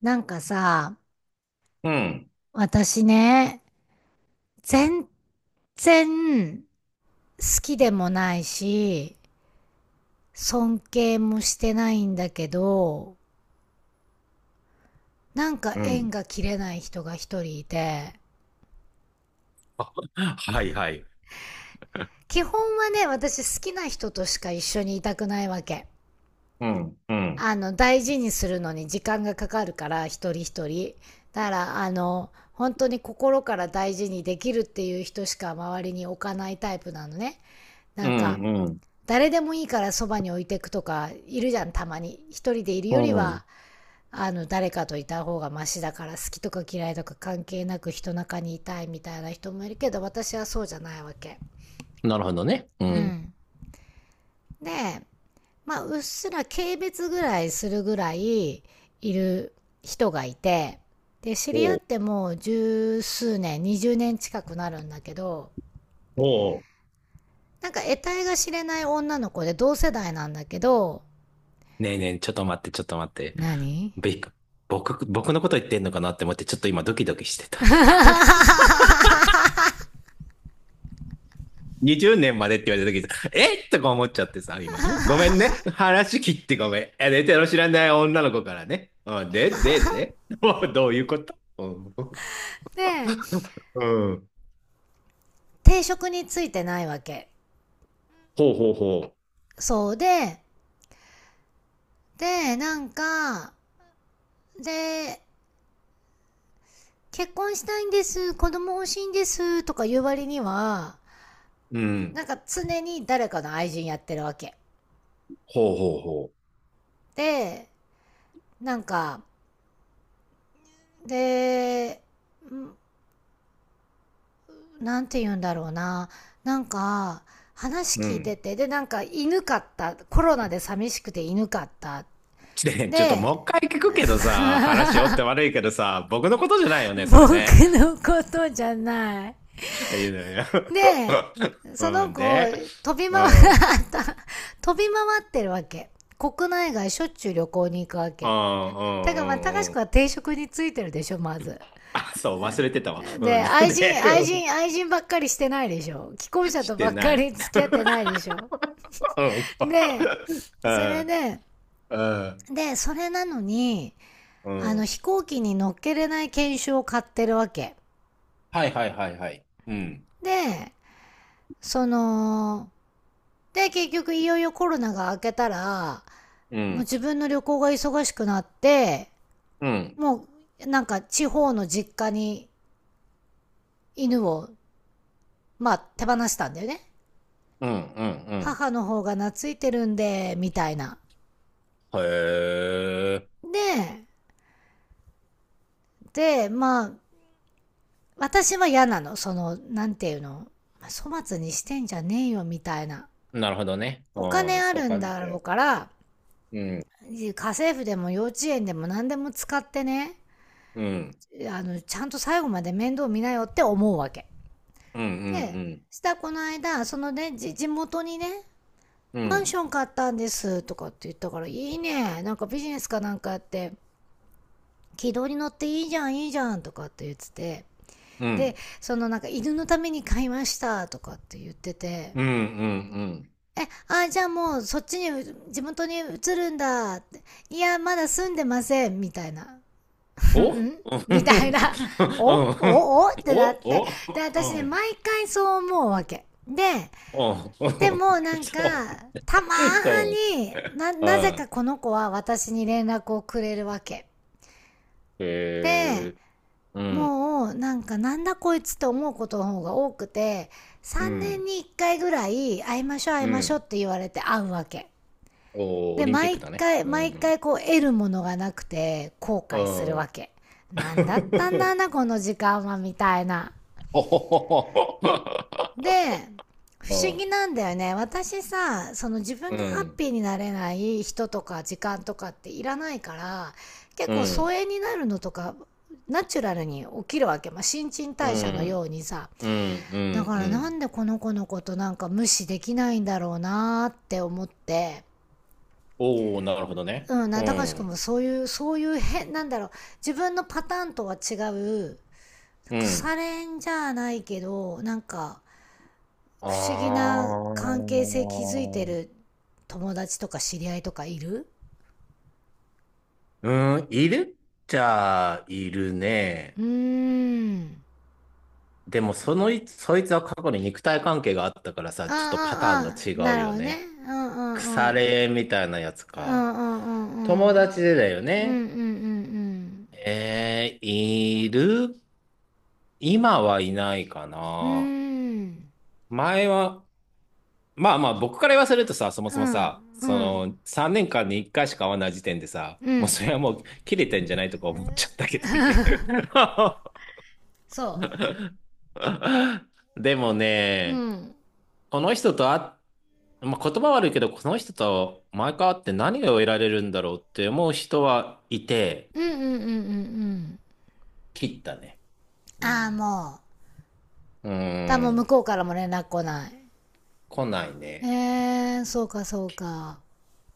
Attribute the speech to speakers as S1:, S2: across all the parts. S1: なんかさ、
S2: うん、
S1: 私ね、全然好きでもないし、尊敬もしてないんだけど、なんか
S2: う
S1: 縁
S2: ん、
S1: が切れない人が一人いて。
S2: はい。
S1: 基本はね、私好きな人としか一緒にいたくないわけ。
S2: うん、うん、
S1: 大事にするのに時間がかかるから、一人一人。だから、本当に心から大事にできるっていう人しか周りに置かないタイプなのね。な
S2: う
S1: んか、
S2: ん、う
S1: 誰でもいいからそばに置いていくとかいるじゃん。たまに一人でいる
S2: ん、
S1: より
S2: うん。
S1: は誰かといた方がマシだから、好きとか嫌いとか関係なく人中にいたいみたいな人もいるけど、私はそうじゃないわけ。
S2: なるほどね。う
S1: う
S2: ん。
S1: ん。で、まあ、うっすら軽蔑ぐらいするぐらいいる人がいて、で知り合
S2: お
S1: っ
S2: う、
S1: てもう十数年20年近くなるんだけど、
S2: おう。
S1: なんか得体が知れない女の子で同世代なんだけど。
S2: ねえねえ、ちょっと待って、ちょっと待って。
S1: 何？
S2: べ僕のこと言ってんのかなって思って、ちょっと今ドキドキしてた。20年までって言われた時さとか思っちゃってさ、今。ごめんね。話切ってごめん。え、寝てる知らない女の子からね。うん、で。もうどういうこと？うん。
S1: で、
S2: うん。
S1: 定職についてないわけ。
S2: ほうほうほ
S1: そうで、で、なんか、で、結婚したいんです、子供欲しいんです、とか言う割には、
S2: う。う
S1: な
S2: ん。
S1: んか常に誰かの愛人やってるわけ。
S2: ほうほうほ
S1: で、なんか、で、なんて言うんだろうな。なんか、話
S2: う。う
S1: 聞いて
S2: ん。
S1: て、で、なんか犬かった。コロナで寂しくて犬かった。
S2: ね、ちょっと
S1: で、
S2: もう一回聞くけどさ、話よって悪いけどさ、僕のことじゃないよね、そ
S1: 僕
S2: れね。
S1: のことじゃない。
S2: いやいや。
S1: で、そ
S2: う
S1: の
S2: ん、
S1: 子、
S2: で、
S1: 飛び
S2: う
S1: 回っ
S2: ん、うん、
S1: た、飛び回ってるわけ。国内外しょっちゅう旅行に行くわ
S2: うん、う
S1: け。だからまあ、高
S2: ん、
S1: 志
S2: う
S1: く
S2: ん。
S1: は定職についてるでしょ、まず。
S2: あ、そう、忘れてたわ。う
S1: で、
S2: ん、
S1: 愛人、
S2: で、
S1: 愛
S2: うん。
S1: 人、愛人ばっかりしてないでしょ。既婚者
S2: し
S1: とば
S2: て
S1: っか
S2: ない。
S1: り付き合ってないでしょ。
S2: うん、
S1: で、
S2: う
S1: それ
S2: ん、
S1: で、
S2: うん、
S1: で、それなのに、
S2: うん。
S1: 飛行機に乗っけれない研修を買ってるわけ。
S2: はいはいはいはい。うん、
S1: で、その、で、結局いよいよコロナが明けたら、
S2: う
S1: もう
S2: ん、
S1: 自分の旅行が忙しくなって、
S2: うん、
S1: もうなんか地方の実家に犬を、まあ手放したんだよね。
S2: うん、うん、
S1: 母の方が懐いてるんで、みたいな。
S2: うん。へえ、
S1: で、で、まあ、私は嫌なの。その、なんていうの。粗末にしてんじゃねえよ、みたいな。
S2: なるほどね。
S1: お
S2: う
S1: 金
S2: ん、
S1: あ
S2: そう
S1: るん
S2: 感じ
S1: だろう
S2: て。
S1: から、
S2: うん、
S1: 家政婦でも幼稚園でも何でも使ってね、
S2: うん、
S1: ちゃんと最後まで面倒見なよって思うわけ。
S2: うん、う
S1: で、
S2: ん、
S1: したこの間、そのね、地元にね、
S2: うん。う
S1: マンシ
S2: ん
S1: ョン買ったんですとかって言ったから、いいね、なんかビジネスかなんかやって、軌道に乗っていいじゃん、いいじゃんとかって言ってて、
S2: う
S1: で、
S2: ん。
S1: そのなんか犬のために買いましたとかって言ってて、
S2: うん、うん、うん。
S1: え、あ、じゃあもうそっちに、地元に移るんだって。いや、まだ住んでません、みたいな。
S2: おうん、
S1: ん
S2: う
S1: みたいな、おお
S2: ん、
S1: おってなっ
S2: お
S1: て。
S2: お
S1: で、私
S2: う
S1: ね、
S2: ん、
S1: 毎回そう思うわけ。で、
S2: おそ
S1: でもなんか、たま
S2: う、そ
S1: ーにな、
S2: う。
S1: なぜ
S2: あ
S1: か
S2: あ、
S1: この子は私に連絡をくれるわけ。
S2: へ
S1: で、
S2: え、うん、
S1: もうなんかなんだこいつって思うことの方が多くて、
S2: う
S1: 3年
S2: ん、
S1: に1回ぐらい会いましょう会い
S2: う
S1: ましょうっ
S2: ん。
S1: て言われて会うわけ。
S2: おー、オ
S1: で、
S2: リンピッ
S1: 毎
S2: クだね。
S1: 回、
S2: う
S1: 毎
S2: ん、
S1: 回こう得るものがなくて後
S2: う
S1: 悔するわ
S2: ん。
S1: け。なんだったんだ な、この時間はみたいな。
S2: おほほ
S1: で、不
S2: ほ。
S1: 思議なんだよね。私さ、その自
S2: う
S1: 分がハッ
S2: ん、
S1: ピーになれない人とか時間とかっていらないから、結
S2: うん、
S1: 構
S2: う
S1: 疎
S2: ん、
S1: 遠になるのとか、ナチュラルに起きるわけ。まあ、新陳
S2: う
S1: 代謝のよ
S2: ん、
S1: うにさ。
S2: うん、
S1: だか
S2: う
S1: らなん
S2: ん。
S1: でこの子のことなんか無視できないんだろうなーって思って。
S2: おお、なるほどね。
S1: うん、な、
S2: う
S1: たかしくんも
S2: ん、
S1: そういう、そういう変、なんだろう、自分のパターンとは違う、
S2: う
S1: 腐
S2: ん。
S1: れんじゃないけど、なんか、
S2: あー、
S1: 不思議な関係性築いてる友達とか知り合いとかいる？
S2: うん、いるっちゃいる
S1: う
S2: ね。
S1: ーん。
S2: でも、そのい、そいつは過去に肉体関係があったから
S1: あ
S2: さ、ちょっとパター
S1: ああ
S2: ン
S1: あ、
S2: が違
S1: な
S2: う
S1: るほ
S2: よ
S1: どね。
S2: ね。
S1: うんうん
S2: 腐
S1: うん。
S2: れみたいなやつ
S1: うんう
S2: か。
S1: んうんう
S2: 友
S1: ん。うん
S2: 達でだよ
S1: うんうん
S2: ね。
S1: うん。
S2: えー、いる、今はいないか
S1: うー
S2: な。
S1: ん。
S2: 前は、まあまあ、僕から言わせるとさ、そも
S1: う
S2: そも
S1: ん
S2: さ、
S1: う
S2: そ
S1: ん
S2: の、3年間に1回しか会わない時点でさ、
S1: う
S2: もう
S1: ん。
S2: それはもう切れてんじゃない？とか思っちゃったけどね。
S1: そ
S2: でも
S1: う。う
S2: ね、
S1: ん。
S2: この人と会っ、まあ、言葉悪いけど、この人と毎回会って何が得られるんだろうって思う人はいて、
S1: うんうんうんうんうん。
S2: 切ったね。う
S1: ああ、
S2: ん。
S1: もう。
S2: う
S1: だ
S2: ー
S1: もう向
S2: ん。
S1: こうからも連絡来ない。
S2: 来ないね。
S1: えー、そうかそうか。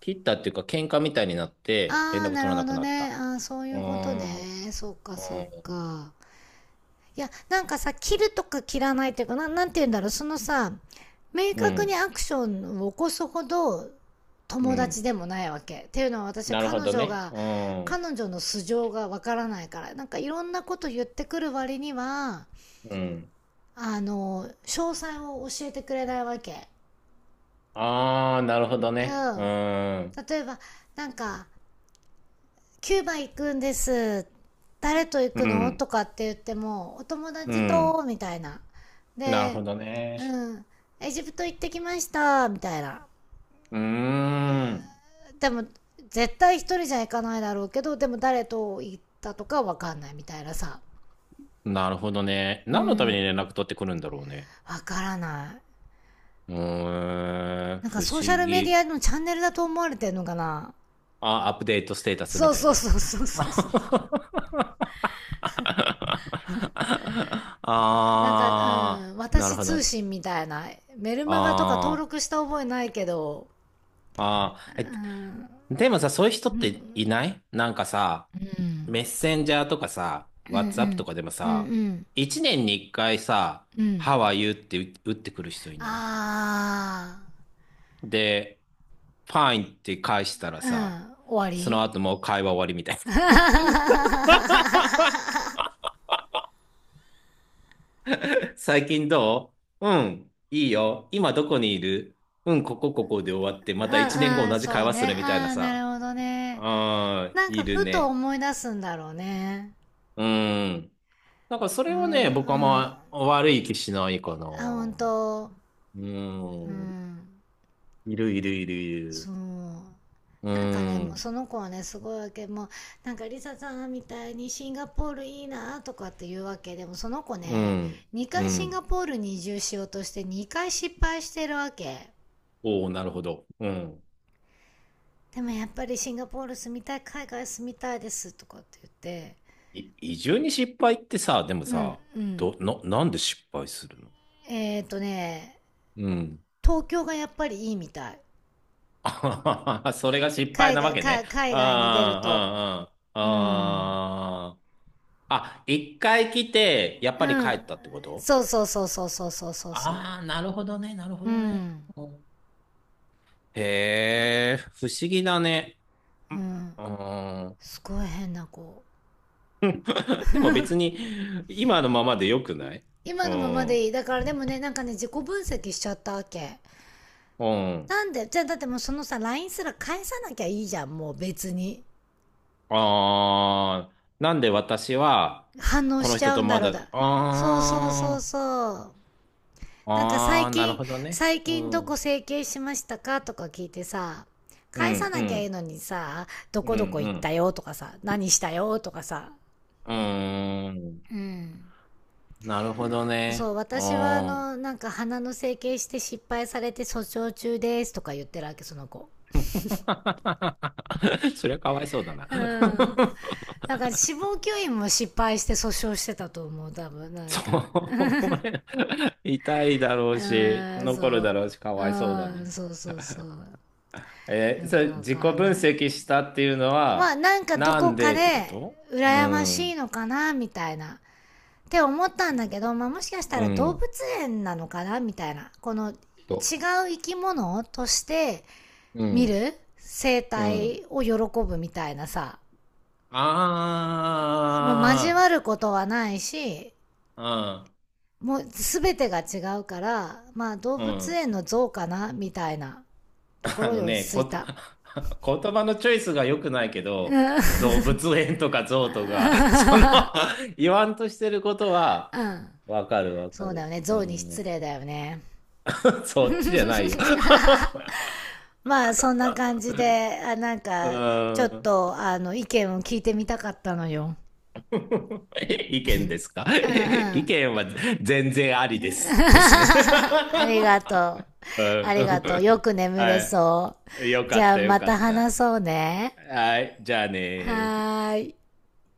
S2: 切ったっていうか、喧嘩みたいになって連
S1: ああ、
S2: 絡
S1: な
S2: 取
S1: る
S2: ら
S1: ほ
S2: なく
S1: ど
S2: なっ
S1: ね。
S2: た。
S1: ああ、そうい
S2: うー
S1: うこと
S2: ん。
S1: ね。そうか、
S2: う
S1: そう
S2: ん。
S1: か。いや、なんかさ、切るとか切らないっていうか、な、なんて言うんだろう。そのさ、明
S2: う
S1: 確に
S2: ん。
S1: アクションを起こすほど
S2: う
S1: 友達
S2: ん。
S1: でもないわけ。っていうのは私、
S2: なるほ
S1: 彼
S2: ど
S1: 女
S2: ね。
S1: が、
S2: うん。
S1: 彼女の素性がわからないから、なんかいろんなこと言ってくる割には、
S2: うん。
S1: 詳細を教えてくれないわけ。
S2: ああ、なるほど
S1: う
S2: ね。う
S1: ん。
S2: ん。
S1: 例えば、なんか、キューバ行くんです。誰と行
S2: う
S1: くの
S2: ん。
S1: とかって言っても、お友
S2: う
S1: 達
S2: ん。
S1: と、みたいな。
S2: なる
S1: で、
S2: ほどね。
S1: うん、エジプト行ってきました、みたいな。
S2: うーん。
S1: でも、絶対一人じゃ行かないだろうけど、でも誰と行ったとかわかんないみたいなさ。
S2: なるほどね。
S1: う
S2: 何のために
S1: ん、
S2: 連絡取ってくるんだろうね。
S1: わからない。
S2: うーん。
S1: なんか
S2: 不思
S1: ソーシャルメディ
S2: 議。
S1: アのチャンネルだと思われてんのかな？
S2: あ、アップデートステータスみ
S1: そう
S2: たい
S1: そう
S2: な。
S1: そうそうそう そう。なんか、う
S2: ああ、
S1: ん、
S2: なる
S1: 私
S2: ほど
S1: 通
S2: ね。
S1: 信みたいな。メルマガとか登
S2: あ
S1: 録した覚えないけど、
S2: あ、
S1: う
S2: あ、え、
S1: ん。
S2: でもさ、そういう人
S1: う
S2: って
S1: ん、
S2: いない？なんかさ、
S1: うん、
S2: メッセンジャーとかさ、
S1: う
S2: WhatsApp と
S1: ん、
S2: かでも
S1: うん、う
S2: さ、
S1: ん、
S2: 一年に一回さ、
S1: うん。
S2: How are you って打ってくる人いない？
S1: あ
S2: で、Fine って返したらさ、
S1: あ、うん、終わ
S2: その
S1: り。
S2: 後もう会話終わりみたい な。最近どう？うん、いいよ。今どこにいる？うん、ここで終わって、ま
S1: う
S2: た一年
S1: ん
S2: 後
S1: うん、
S2: 同じ
S1: そ
S2: 会
S1: う
S2: 話す
S1: ね。
S2: るみたいな
S1: ああ、な
S2: さ。
S1: るほどね。
S2: ああ、
S1: なん
S2: い
S1: か
S2: る
S1: ふと
S2: ね。
S1: 思い出すんだろうね。
S2: うん。なんかそ
S1: うん
S2: れはね、僕は
S1: うん。あ、
S2: まあ悪い気しないかな。
S1: ほん
S2: う
S1: と。う
S2: ーん。
S1: ん。
S2: いるいるいるい
S1: そ
S2: る。
S1: う。
S2: う
S1: なんかね
S2: ー
S1: もう
S2: ん。
S1: その子はねすごいわけ。もうなんかリサさんみたいにシンガポールいいなとかって言うわけ。でもその子
S2: う
S1: ね、
S2: ん。
S1: 2
S2: う
S1: 回シンガ
S2: ん。
S1: ポールに移住しようとして2回失敗してるわけ。
S2: おお、なるほど。うん。
S1: でもやっぱりシンガポール住みたい、海外住みたいですとかって言って。
S2: 移住に失敗ってさ、でも
S1: うん
S2: さ、
S1: うん。
S2: なんで失敗するの？
S1: えっ、ー、とね、
S2: うん。
S1: 東京がやっぱりいいみたい。
S2: あはははそれが失敗なわけね。
S1: 海
S2: あ
S1: 外に出ると。
S2: あ、あ
S1: うん
S2: あ、ああ。あ、一回来て、やっ
S1: う
S2: ぱり帰
S1: ん。
S2: ったってこと？
S1: そうそうそうそうそうそうそうそ
S2: ああー、なるほどね、なるほ
S1: う。う
S2: どね。
S1: ん
S2: へえ、不思議だね。
S1: うん。
S2: うん。
S1: すごい変な子。
S2: でも別に、今のままでよくない？
S1: 今
S2: う
S1: のままで
S2: ん。
S1: いい。だからでもね、なんかね自己分析しちゃったわけ。
S2: うん。
S1: なんでじゃあ、だってもうそのさ LINE すら返さなきゃいいじゃん、もう別に
S2: ああ、なんで私は、
S1: 反応
S2: こ
S1: し
S2: の
S1: ち
S2: 人
S1: ゃう
S2: と
S1: んだ
S2: ま
S1: ろう。
S2: だ、
S1: だそうそうそう
S2: あ
S1: そう
S2: あ、
S1: なんか
S2: あ
S1: 最
S2: あ、なる
S1: 近、
S2: ほどね。
S1: 最
S2: う
S1: 近どこ
S2: ん。
S1: 整形しましたかとか聞いてさ、
S2: う
S1: 返さ
S2: ん、う
S1: なきゃいい
S2: ん、
S1: のにさ、ど
S2: うん、
S1: こ
S2: う
S1: どこ行った
S2: ん。
S1: よとかさ、何したよとかさ。
S2: うーん。
S1: うん。
S2: なるほど
S1: そう、
S2: ね。う
S1: 私はあ
S2: ん。
S1: のなんか鼻の整形して失敗されて訴訟中ですとか言ってるわけ、その子。
S2: そりゃかわいそうだな。
S1: うん。 なんか死亡吸引も失敗して訴訟してたと思う多分なん
S2: そ
S1: か。
S2: う、痛いだろ
S1: う
S2: うし、
S1: ん
S2: 残るだ
S1: そ
S2: ろうし、か
S1: うう
S2: わいそうだね。
S1: そうそうそう。
S2: えー、
S1: よ
S2: そ
S1: く
S2: れ
S1: わ
S2: 自己分
S1: かんない。
S2: 析したっていうの
S1: まあ
S2: は、
S1: なんかど
S2: な
S1: こ
S2: ん
S1: か
S2: でってこ
S1: で
S2: と？う
S1: 羨ましい
S2: ん、
S1: のかなみたいなって思ったんだけど、まあ、もしかした
S2: う
S1: ら動物
S2: ん、
S1: 園なのかなみたいな。この違う
S2: と、
S1: 生き物として
S2: う
S1: 見
S2: ん、
S1: る生
S2: うん。
S1: 態を喜ぶみたいなさ、もう交
S2: あ
S1: わることはないし、
S2: あ、
S1: もう全てが違うから、まあ動
S2: うん、う
S1: 物
S2: ん。
S1: 園の像かなみたいなとこ
S2: あ
S1: ろに
S2: の
S1: 落
S2: ね、
S1: ち着いた。
S2: 言葉のチョイスが良くないけど、動物園とかゾウとか、その 言わんとしてることは、
S1: うん。
S2: わかるわか
S1: そうだよ
S2: る。
S1: ね。
S2: う
S1: 像に失
S2: ん。
S1: 礼だよね。
S2: そっちじゃないよ。
S1: まあそんな感じで、あなん
S2: う
S1: かちょ
S2: ー
S1: っ
S2: ん。
S1: とあの意見を聞いてみたかったのよ。
S2: 意見ですか？
S1: うんうん。
S2: 意
S1: あ
S2: 見は全然ありです。ですね。
S1: りがとう。
S2: う
S1: あ
S2: ん。
S1: りがとう。よ く眠れ
S2: は
S1: そう。
S2: い。よか
S1: じ
S2: っ
S1: ゃあ
S2: た、よ
S1: ま
S2: か
S1: た
S2: った。
S1: 話そうね。
S2: はい。じゃあね。
S1: はーい。